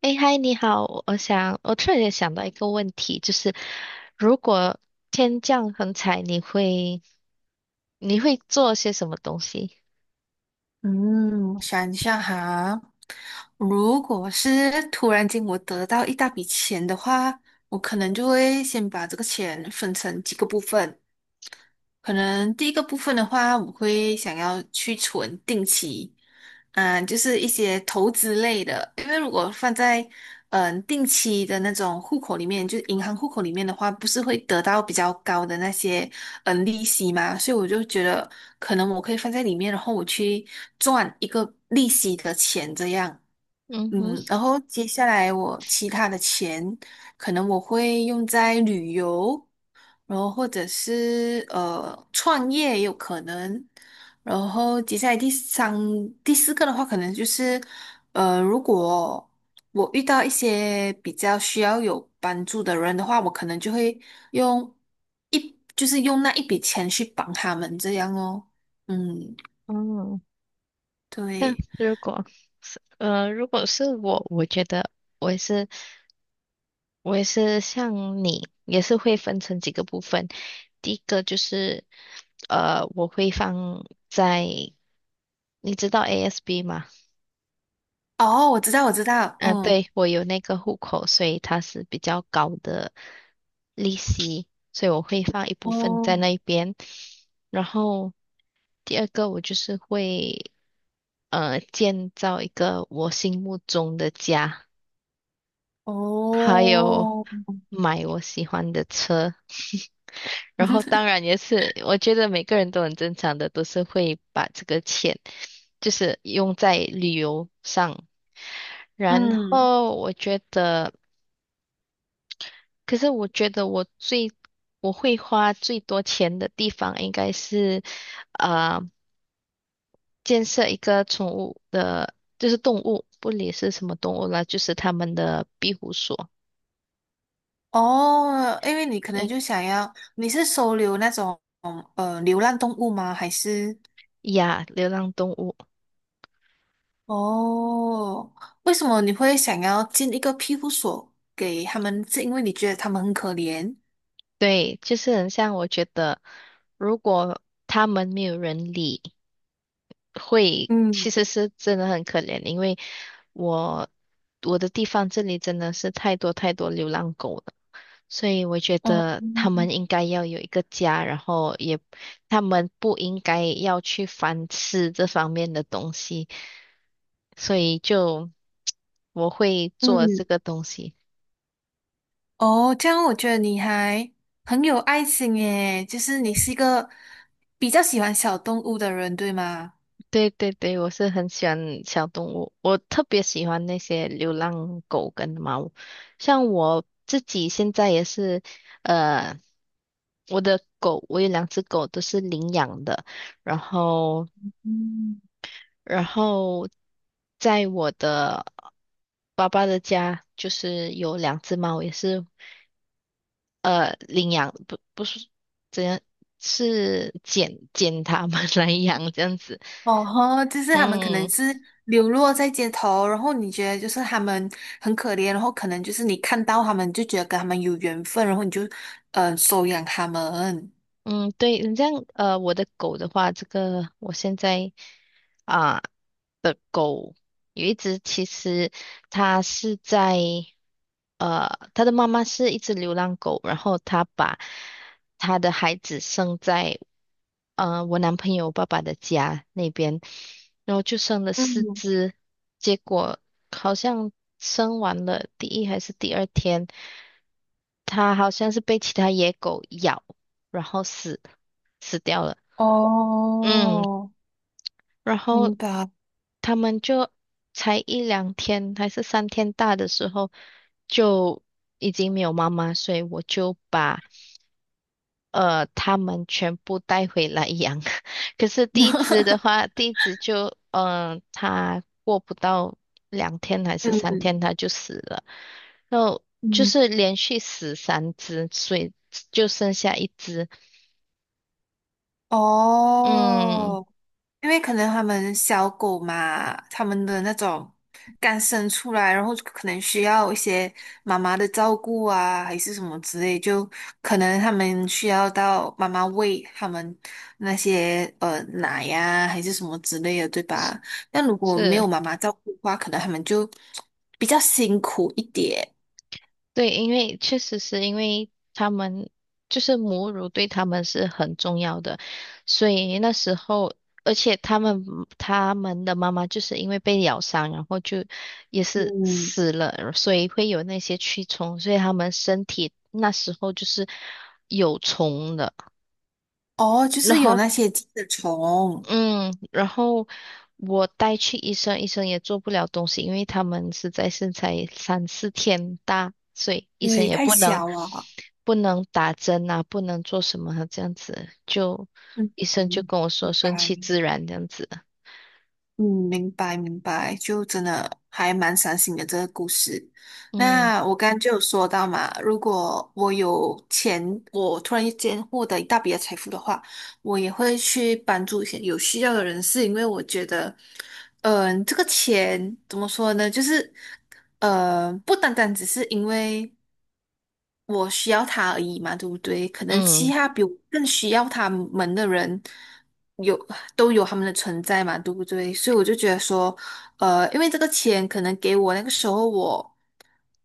哎，嗨，你好，我想，我突然也想到一个问题，就是如果天降横财，你会做些什么东西？嗯，我想一下哈，如果是突然间我得到一大笔钱的话，我可能就会先把这个钱分成几个部分，可能第一个部分的话，我会想要去存定期，就是一些投资类的，因为如果放在定期的那种户口里面，就是银行户口里面的话，不是会得到比较高的那些利息嘛，所以我就觉得可能我可以放在里面，然后我去赚一个利息的钱这样。嗯哼。然后接下来我其他的钱，可能我会用在旅游，然后或者是创业也有可能，然后接下来第三、第四个的话，可能就是如果我遇到一些比较需要有帮助的人的话，我可能就会用就是用那一笔钱去帮他们这样哦。嗯，嗯，那对。如果是我，我觉得我也是，我也是像你，也是会分成几个部分。第一个就是，我会放在，你知道 ASB 吗？哦，我知道，我知道，嗯、嗯。对，我有那个户口，所以它是比较高的利息，所以我会放一部分在哦那一边。然后第二个，我就是会建造一个我心目中的家，还有哦，买我喜欢的车。然后当 然也是，我觉得每个人都很正常的，都是会把这个钱就是用在旅游上。然嗯。后我觉得。可是我觉得我会花最多钱的地方应该是，呃，建设一个宠物的，就是动物，不理是什么动物啦，就是他们的庇护所，哦，因为你可能哎就想要，你是收留那种流浪动物吗？还是呀，流浪动物，哦，为什么你会想要建一个庇护所给他们？是因为你觉得他们很可怜？对，就是很像我觉得，如果他们没有人理，会其嗯实是真的很可怜，因为我我的地方这里真的是太多太多流浪狗了。所以我觉哦，得他们应该要有一个家，然后也他们不应该要去反思这方面的东西，所以就 我会做这嗯。个东西。哦，这样我觉得你还很有爱心耶，就是你是一个比较喜欢小动物的人，对吗？对对对，我是很喜欢小动物，我特别喜欢那些流浪狗跟猫。像我自己现在也是，呃，我的狗，我有两只狗都是领养的，然后。嗯。然后在我的爸爸的家，就是有两只猫，也是领养，不是怎样，是捡它们 来养这样子。哦吼，就是他们可能嗯是流落在街头，然后你觉得就是他们很可怜，然后可能就是你看到他们就觉得跟他们有缘分，然后你就收养他们。嗯，对，你这样我的狗的话，这个我现在啊。的狗，有一只其实它是在它的妈妈是一只流浪狗，然后它把它的孩子生在我男朋友爸爸的家那边，然后就生了四嗯，只，结果好像生完了第一还是第二天，它好像是被其他野狗咬，然后死掉了。嗯，哦，然明后白。他们就才一两天还是三天大的时候，就已经没有妈妈，所以我就把他们全部带回来养。可是第一只的话，第一只就它过不到两天还是三天，嗯它就死了。然后就嗯，是连续死三只，所以就剩下一只。嗯，哦。因为可能他们小狗嘛，他们的那种刚生出来，然后可能需要一些妈妈的照顾啊，还是什么之类，就可能他们需要到妈妈喂他们那些奶呀、还是什么之类的，对是吧？但如果没是。有妈妈照顾的话，可能他们就比较辛苦一点。对，因为确实是因为他们就是母乳对他们是很重要的，所以那时候，而且他们的妈妈就是因为被咬伤，然后就也是嗯，死了，所以会有那些蛆虫，所以他们身体那时候就是有虫的。哦，就然是有后那些寄生虫，嗯，然后我带去医生，医生也做不了东西，因为他们实在是才三四天大，所以医生对，也太不能小了。不能打针啊，不能做什么啊这样子，就嗯医生就嗯，跟我说拜顺其白。自然这样子。嗯，明白明白，就真的还蛮伤心的这个故事。嗯那我刚刚就有说到嘛，如果我有钱，我突然间获得一大笔的财富的话，我也会去帮助一些有需要的人士，因为我觉得，这个钱怎么说呢？就是，不单单只是因为。我需要他而已嘛，对不对？可能其嗯他比我更需要他们的人有都有他们的存在嘛，对不对？所以我就觉得说，因为这个钱可能给我那个时候我，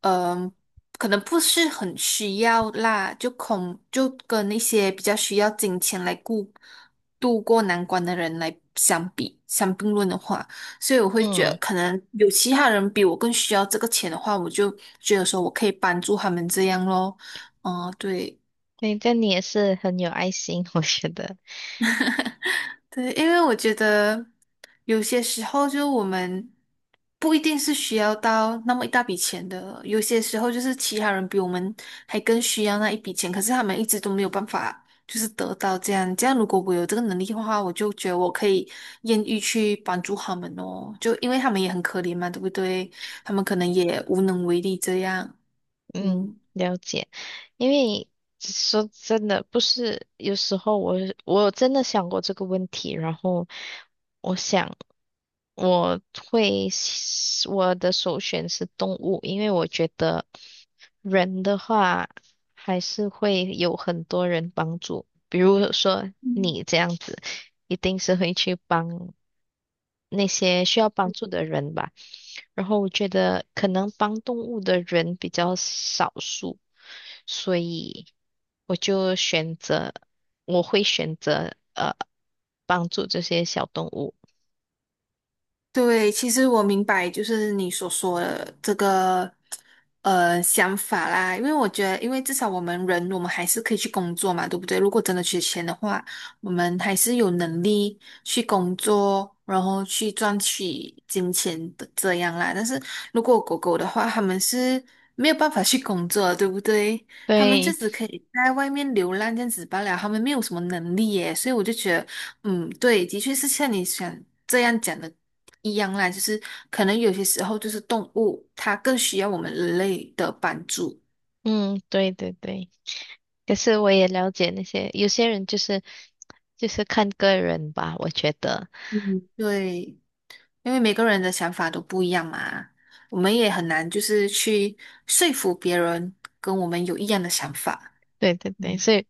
嗯、可能不是很需要啦，就跟那些比较需要金钱来顾度过难关的人来相并论的话。所以我会觉得，嗯，可能有其他人比我更需要这个钱的话，我就觉得说我可以帮助他们这样咯。嗯，对。那这你也是很有爱心，我觉得。对，因为我觉得有些时候，就我们不一定是需要到那么一大笔钱的，有些时候就是其他人比我们还更需要那一笔钱，可是他们一直都没有办法，就是得到这样。这样，如果我有这个能力的话，我就觉得我可以愿意去帮助他们哦，就因为他们也很可怜嘛，对不对？他们可能也无能为力这样。嗯，嗯。了解。因为说真的，不是有时候我真的想过这个问题，然后我想。我会，我的首选是动物，因为我觉得人的话还是会有很多人帮助，比如说你这样子，一定是会去帮那些需要帮助的人吧。然后我觉得可能帮动物的人比较少数，所以我就选择，我会选择帮助这些小动物。对，其实我明白，就是你所说的这个想法啦，因为我觉得，因为至少我们人，我们还是可以去工作嘛，对不对？如果真的缺钱的话，我们还是有能力去工作，然后去赚取金钱的这样啦。但是如果狗狗的话，他们是没有办法去工作的，对不对？他们就对，只可以在外面流浪这样子罢了，他们没有什么能力耶，所以我就觉得。嗯，对，的确是像你想这样讲的一样啦，就是可能有些时候就是动物它更需要我们人类的帮助。嗯，对对对，可是我也了解那些有些人就是就是看个人吧，我觉得，嗯对，因为每个人的想法都不一样嘛，我们也很难就是去说服别人跟我们有一样的想法。对对对，嗯所以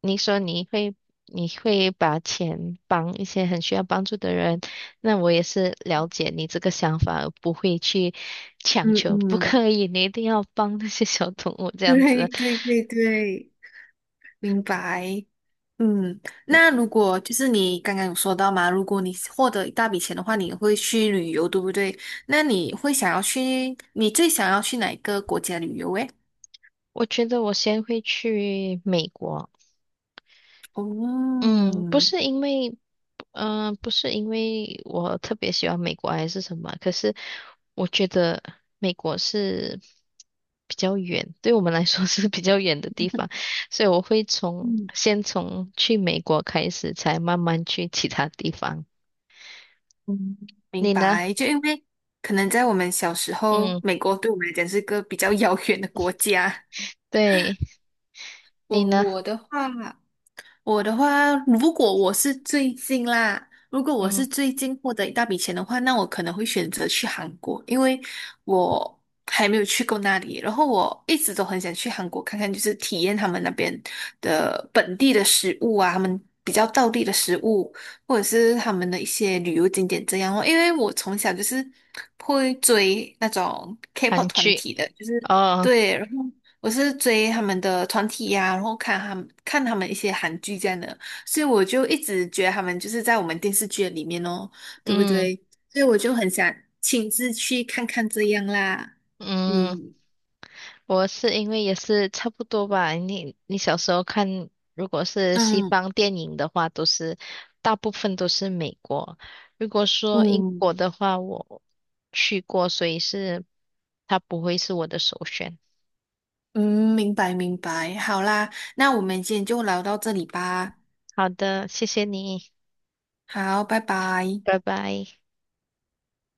你说你会把钱帮一些很需要帮助的人，那我也是了解你这个想法，而不会去强嗯求，不嗯，可以，你一定要帮那些小动物这样对子。对对对。明白。嗯，那如果就是你刚刚有说到嘛，如果你获得一大笔钱的话，你会去旅游，对不对？那你会想要去，你最想要去哪一个国家旅游？诶？我觉得我先会去美国，哦，嗯，不是因为。不是因为我特别喜欢美国还是什么，可是我觉得美国是比较远，对我们来说是比较远的地方，所以我会从嗯先从去美国开始，才慢慢去其他地方。嗯，明你呢？白。就因为可能在我们小时候，嗯，美国对我们来讲是个比较遥远的国家。对，你我呢？我的话。我的话，如果我是最近啦，如果我嗯，是最近获得一大笔钱的话，那我可能会选择去韩国，因为我还没有去过那里，然后我一直都很想去韩国看看，就是体验他们那边的本地的食物啊，他们比较道地的食物，或者是他们的一些旅游景点这样哦。因为我从小就是会追那种 K-pop 韩团剧。体的，就是哦，对，然后。我是追他们的团体呀、然后看他们一些韩剧这样的，所以我就一直觉得他们就是在我们电视剧里面哦，对不嗯对？所以我就很想亲自去看看这样啦。嗯。嗯我是因为也是差不多吧。你你小时候看，如果是西嗯方电影的话，都是大部分都是美国。如果说英嗯国的话，我去过，所以是它不会是我的首选。嗯，明白明白，好啦，那我们今天就聊到这里吧，好的，谢谢你，好，拜拜。拜拜。